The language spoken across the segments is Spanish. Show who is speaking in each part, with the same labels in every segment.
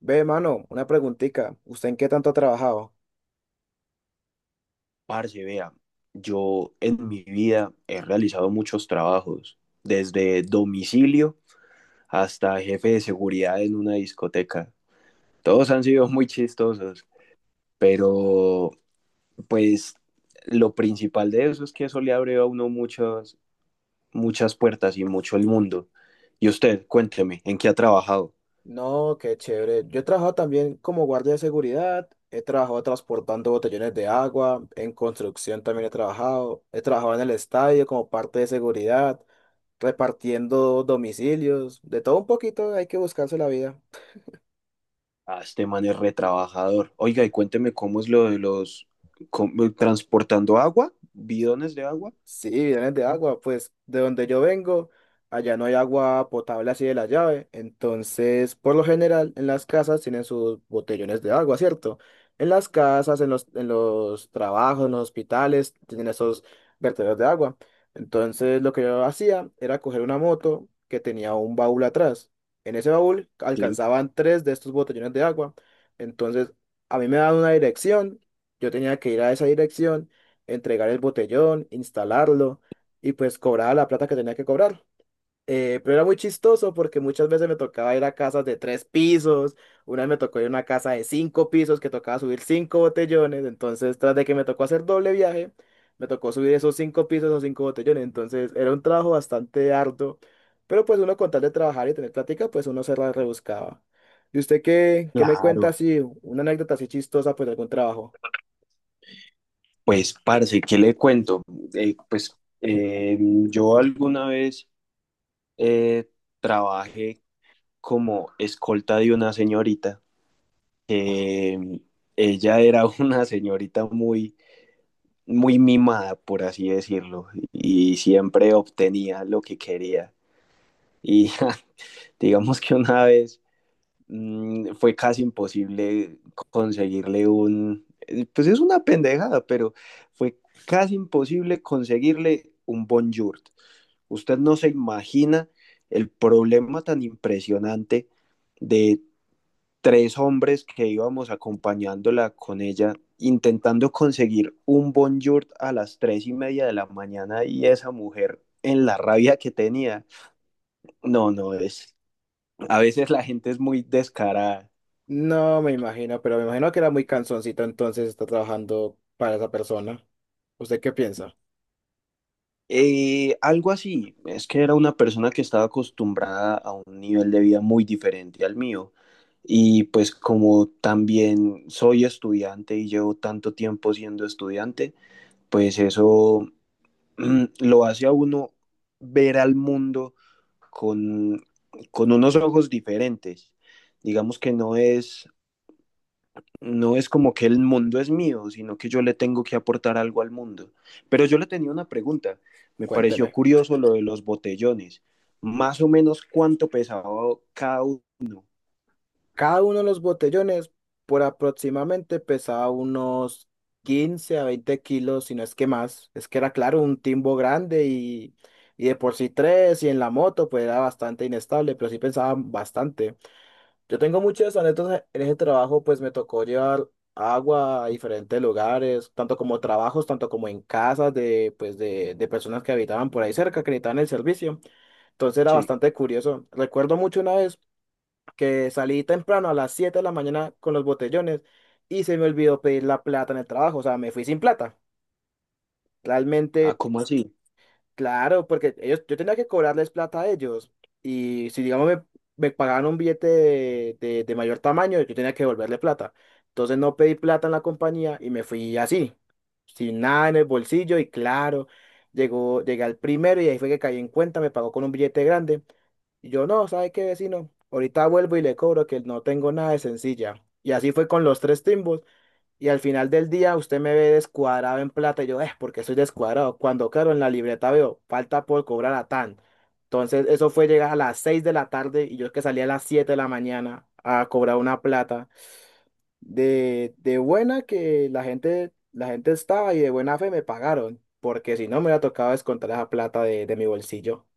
Speaker 1: Ve, mano, una preguntita. ¿Usted en qué tanto ha trabajado?
Speaker 2: Parce, vea, yo en mi vida he realizado muchos trabajos, desde domicilio hasta jefe de seguridad en una discoteca. Todos han sido muy chistosos, pero pues lo principal de eso es que eso le abre a uno muchas, muchas puertas y mucho el mundo. Y usted, cuénteme, ¿en qué ha trabajado?
Speaker 1: No, qué chévere. Yo he trabajado también como guardia de seguridad, he trabajado transportando botellones de agua, en construcción también he trabajado en el estadio como parte de seguridad, repartiendo domicilios, de todo un poquito hay que buscarse la vida.
Speaker 2: Ah, este man es retrabajador. Oiga, y cuénteme cómo es lo de los transportando agua, bidones de agua.
Speaker 1: Sí, vienen de agua, pues de donde yo vengo, allá no hay agua potable así de la llave, entonces por lo general en las casas tienen sus botellones de agua, ¿cierto? En las casas, en los trabajos, en los hospitales, tienen esos vertederos de agua. Entonces lo que yo hacía era coger una moto que tenía un baúl atrás. En ese baúl
Speaker 2: Sí,
Speaker 1: alcanzaban tres de estos botellones de agua, entonces a mí me daban una dirección, yo tenía que ir a esa dirección entregar el botellón, instalarlo y pues cobraba la plata que tenía que cobrar. Pero era muy chistoso porque muchas veces me tocaba ir a casas de tres pisos, una vez me tocó ir a una casa de cinco pisos que tocaba subir cinco botellones, entonces tras de que me tocó hacer doble viaje, me tocó subir esos cinco pisos o cinco botellones, entonces era un trabajo bastante arduo, pero pues uno con tal de trabajar y tener plática, pues uno se la rebuscaba. ¿Y usted qué me cuenta
Speaker 2: claro.
Speaker 1: así, una anécdota así chistosa pues de algún trabajo?
Speaker 2: Pues, parce, ¿qué le cuento? Pues yo alguna vez eh, trabajé como escolta de una señorita. Eh, Ella era una señorita muy, muy mimada, por así decirlo, y siempre obtenía lo que quería. Y digamos que una vez fue casi imposible conseguirle pues es una pendejada, pero fue casi imposible conseguirle un bonjour. Usted no se imagina el problema tan impresionante de tres hombres que íbamos acompañándola con ella, intentando conseguir un bonjour a las 3:30 de la mañana, y esa mujer en la rabia que tenía. No, no, a veces la gente es muy descarada.
Speaker 1: No me imagino, pero me imagino que era muy cansoncito entonces está trabajando para esa persona. ¿Usted qué piensa?
Speaker 2: Algo así, es que era una persona que estaba acostumbrada a un nivel de vida muy diferente al mío. Y pues como también soy estudiante y llevo tanto tiempo siendo estudiante, pues eso lo hace a uno ver al mundo con, con unos ojos diferentes. Digamos que no es como que el mundo es mío, sino que yo le tengo que aportar algo al mundo. Pero yo le tenía una pregunta, me pareció
Speaker 1: Cuénteme.
Speaker 2: curioso lo de los botellones, ¿más o menos cuánto pesaba cada uno?
Speaker 1: Cada uno de los botellones por aproximadamente pesaba unos 15 a 20 kilos, si no es que más. Es que era claro, un timbo grande y de por sí tres y en la moto pues era bastante inestable, pero sí pesaba bastante. Yo tengo muchas anécdotas en ese trabajo, pues me tocó llevar agua a diferentes lugares, tanto como trabajos, tanto como en casas de, pues de personas que habitaban por ahí cerca, que necesitaban el servicio. Entonces era
Speaker 2: Sí.
Speaker 1: bastante curioso. Recuerdo mucho una vez que salí temprano a las 7 de la mañana con los botellones y se me olvidó pedir la plata en el trabajo, o sea, me fui sin plata.
Speaker 2: ¿Ah,
Speaker 1: Realmente.
Speaker 2: cómo así?
Speaker 1: Claro, porque ellos, yo tenía que cobrarles plata a ellos. Y si, digamos, me pagaban un billete de mayor tamaño, yo tenía que devolverle plata. Entonces no pedí plata en la compañía y me fui así, sin nada en el bolsillo. Y claro, llegué al primero y ahí fue que caí en cuenta, me pagó con un billete grande. Y yo, no, ¿sabe qué, vecino? Ahorita vuelvo y le cobro que no tengo nada de sencilla. Y así fue con los tres timbos. Y al final del día usted me ve descuadrado en plata y yo, es porque soy descuadrado. Cuando claro, en la libreta veo, falta por cobrar a tan. Entonces eso fue llegar a las 6 de la tarde y yo que salí a las 7 de la mañana a cobrar una plata de buena que la gente estaba y de buena fe me pagaron, porque si no me hubiera tocado descontar esa plata de mi bolsillo.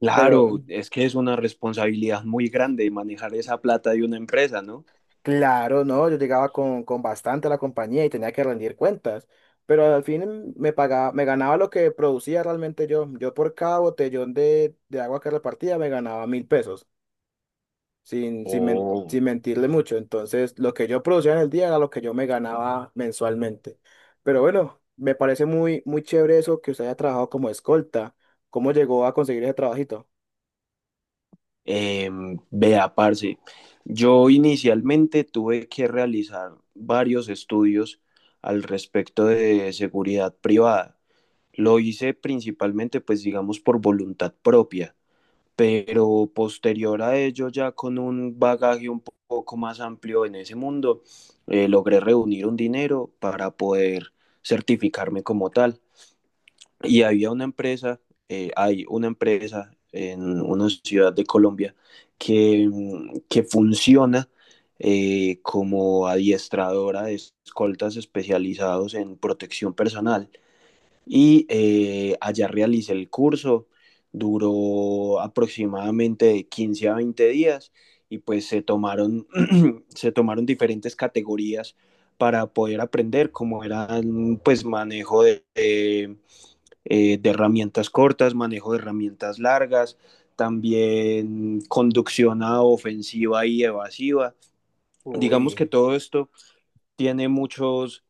Speaker 2: Claro,
Speaker 1: Pero,
Speaker 2: es que es una responsabilidad muy grande manejar esa plata de una empresa, ¿no?
Speaker 1: Claro, no, yo llegaba con bastante a la compañía y tenía que rendir cuentas, pero al fin me pagaba, me ganaba lo que producía realmente yo. Yo por cada botellón de agua que repartía me ganaba 1000 pesos, sin, sin, men-
Speaker 2: Oh,
Speaker 1: sin mentirle mucho. Entonces, lo que yo producía en el día era lo que yo me ganaba mensualmente. Pero bueno, me parece muy, muy chévere eso que usted haya trabajado como escolta. ¿Cómo llegó a conseguir ese trabajito?
Speaker 2: vea, parce, yo inicialmente tuve que realizar varios estudios al respecto de seguridad privada. Lo hice principalmente, pues digamos, por voluntad propia, pero posterior a ello, ya con un bagaje un poco más amplio en ese mundo, logré reunir un dinero para poder certificarme como tal. Y había una empresa, hay una empresa en una ciudad de Colombia que funciona como adiestradora de escoltas especializados en protección personal, y allá realicé el curso. Duró aproximadamente de 15 a 20 días y pues se tomaron, se tomaron diferentes categorías para poder aprender, como eran pues manejo de herramientas cortas, manejo de herramientas largas, también conducción a ofensiva y evasiva. Digamos que
Speaker 1: Uy,
Speaker 2: todo esto tiene muchos,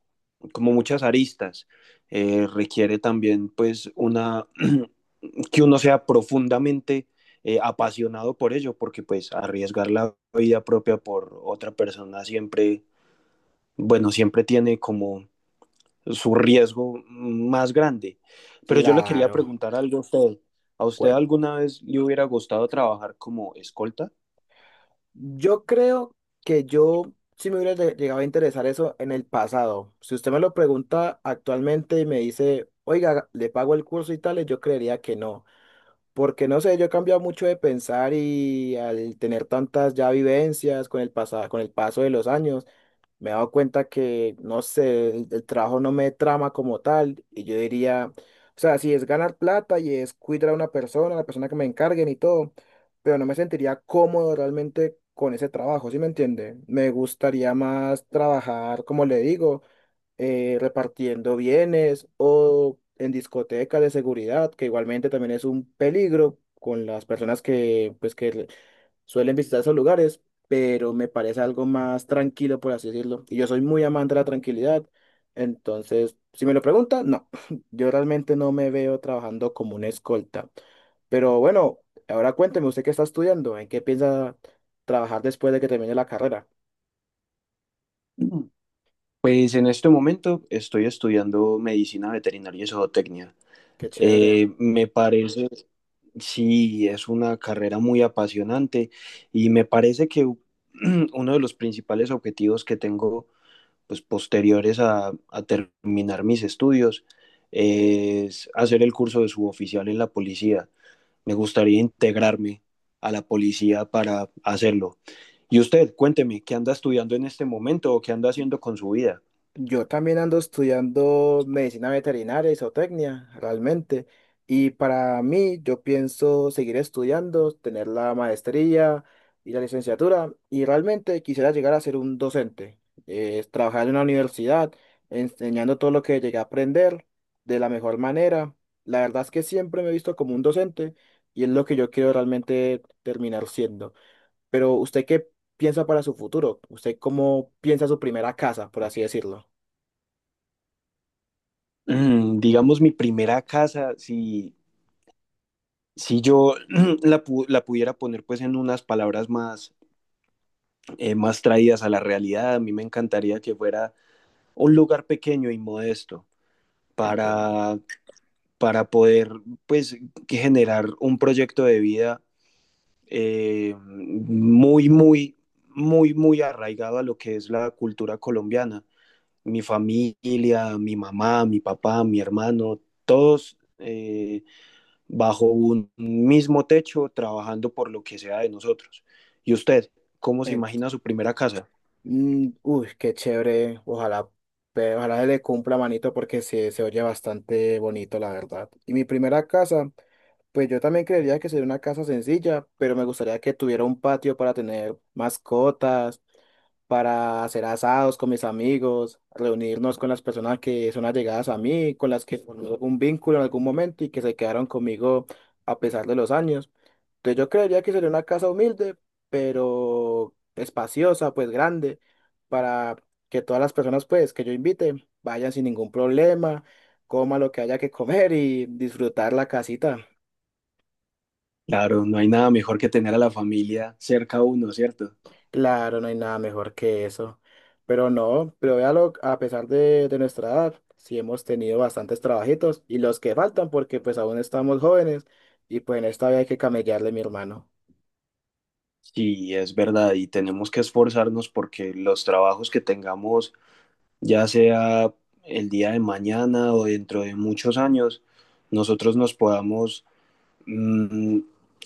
Speaker 2: como muchas aristas. Requiere también pues una que uno sea profundamente apasionado por ello, porque pues arriesgar la vida propia por otra persona siempre, bueno, siempre tiene como su riesgo más grande. Pero yo le quería
Speaker 1: claro.
Speaker 2: preguntar algo a usted. ¿A usted alguna vez le hubiera gustado trabajar como escolta?
Speaker 1: Yo creo que yo sí me hubiera llegado a interesar eso en el pasado. Si usted me lo pregunta actualmente y me dice, oiga, le pago el curso y tales, yo creería que no. Porque no sé, yo he cambiado mucho de pensar y al tener tantas ya vivencias con el paso de los años, me he dado cuenta que, no sé, el trabajo no me trama como tal. Y yo diría, o sea, si es ganar plata y es cuidar a una persona, la persona que me encarguen y todo, pero no me sentiría cómodo realmente con ese trabajo, ¿sí me entiende? Me gustaría más trabajar, como le digo, repartiendo bienes o en discotecas de seguridad, que igualmente también es un peligro con las personas que suelen visitar esos lugares, pero me parece algo más tranquilo, por así decirlo. Y yo soy muy amante de la tranquilidad, entonces, si me lo preguntan, no, yo realmente no me veo trabajando como una escolta. Pero bueno, ahora cuénteme, usted qué está estudiando, ¿en qué piensa trabajar después de que termine la carrera?
Speaker 2: Pues en este momento estoy estudiando medicina veterinaria y zootecnia.
Speaker 1: Qué chévere.
Speaker 2: Me parece, sí, es una carrera muy apasionante, y me parece uno de los principales objetivos que tengo, pues posteriores a terminar mis estudios, es hacer el curso de suboficial en la policía. Me gustaría integrarme a la policía para hacerlo. Y usted, cuénteme, ¿qué anda estudiando en este momento o qué anda haciendo con su vida?
Speaker 1: Yo también ando estudiando medicina veterinaria y zootecnia, realmente. Y para mí, yo pienso seguir estudiando, tener la maestría y la licenciatura. Y realmente quisiera llegar a ser un docente, trabajar en una universidad, enseñando todo lo que llegué a aprender de la mejor manera. La verdad es que siempre me he visto como un docente y es lo que yo quiero realmente terminar siendo. Pero ¿usted qué piensa para su futuro? ¿Usted cómo piensa su primera casa, por así decirlo?
Speaker 2: Digamos, mi primera casa, si si yo la pudiera poner pues en unas palabras más, más traídas a la realidad, a mí me encantaría que fuera un lugar pequeño y modesto
Speaker 1: Entiendo.
Speaker 2: para, para, poder pues que generar un proyecto de vida muy, muy, muy, muy arraigado a lo que es la cultura colombiana. Mi familia, mi mamá, mi papá, mi hermano, todos bajo un mismo techo, trabajando por lo que sea de nosotros. ¿Y usted cómo se
Speaker 1: Ent-
Speaker 2: imagina su primera casa?
Speaker 1: Uy, qué chévere. Ojalá se le cumpla manito porque se oye bastante bonito, la verdad. Y mi primera casa, pues yo también creería que sería una casa sencilla, pero me gustaría que tuviera un patio para tener mascotas, para hacer asados con mis amigos, reunirnos con las personas que son allegadas a mí, con las que formé un vínculo en algún momento y que se quedaron conmigo a pesar de los años. Entonces yo creería que sería una casa humilde, pero espaciosa, pues grande, para que todas las personas pues que yo invite vayan sin ningún problema, coman lo que haya que comer y disfrutar la casita.
Speaker 2: Claro, no hay nada mejor que tener a la familia cerca a uno, ¿cierto?
Speaker 1: Claro, no hay nada mejor que eso. Pero no, pero véalo, a pesar de nuestra edad, sí hemos tenido bastantes trabajitos y los que faltan porque pues aún estamos jóvenes y pues en esta vida hay que camellarle, mi hermano.
Speaker 2: Sí, es verdad, y tenemos que esforzarnos porque los trabajos que tengamos, ya sea el día de mañana o dentro de muchos años, nosotros nos podamos mm,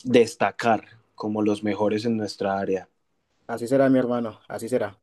Speaker 2: destacar como los mejores en nuestra área.
Speaker 1: Así será, mi hermano, así será.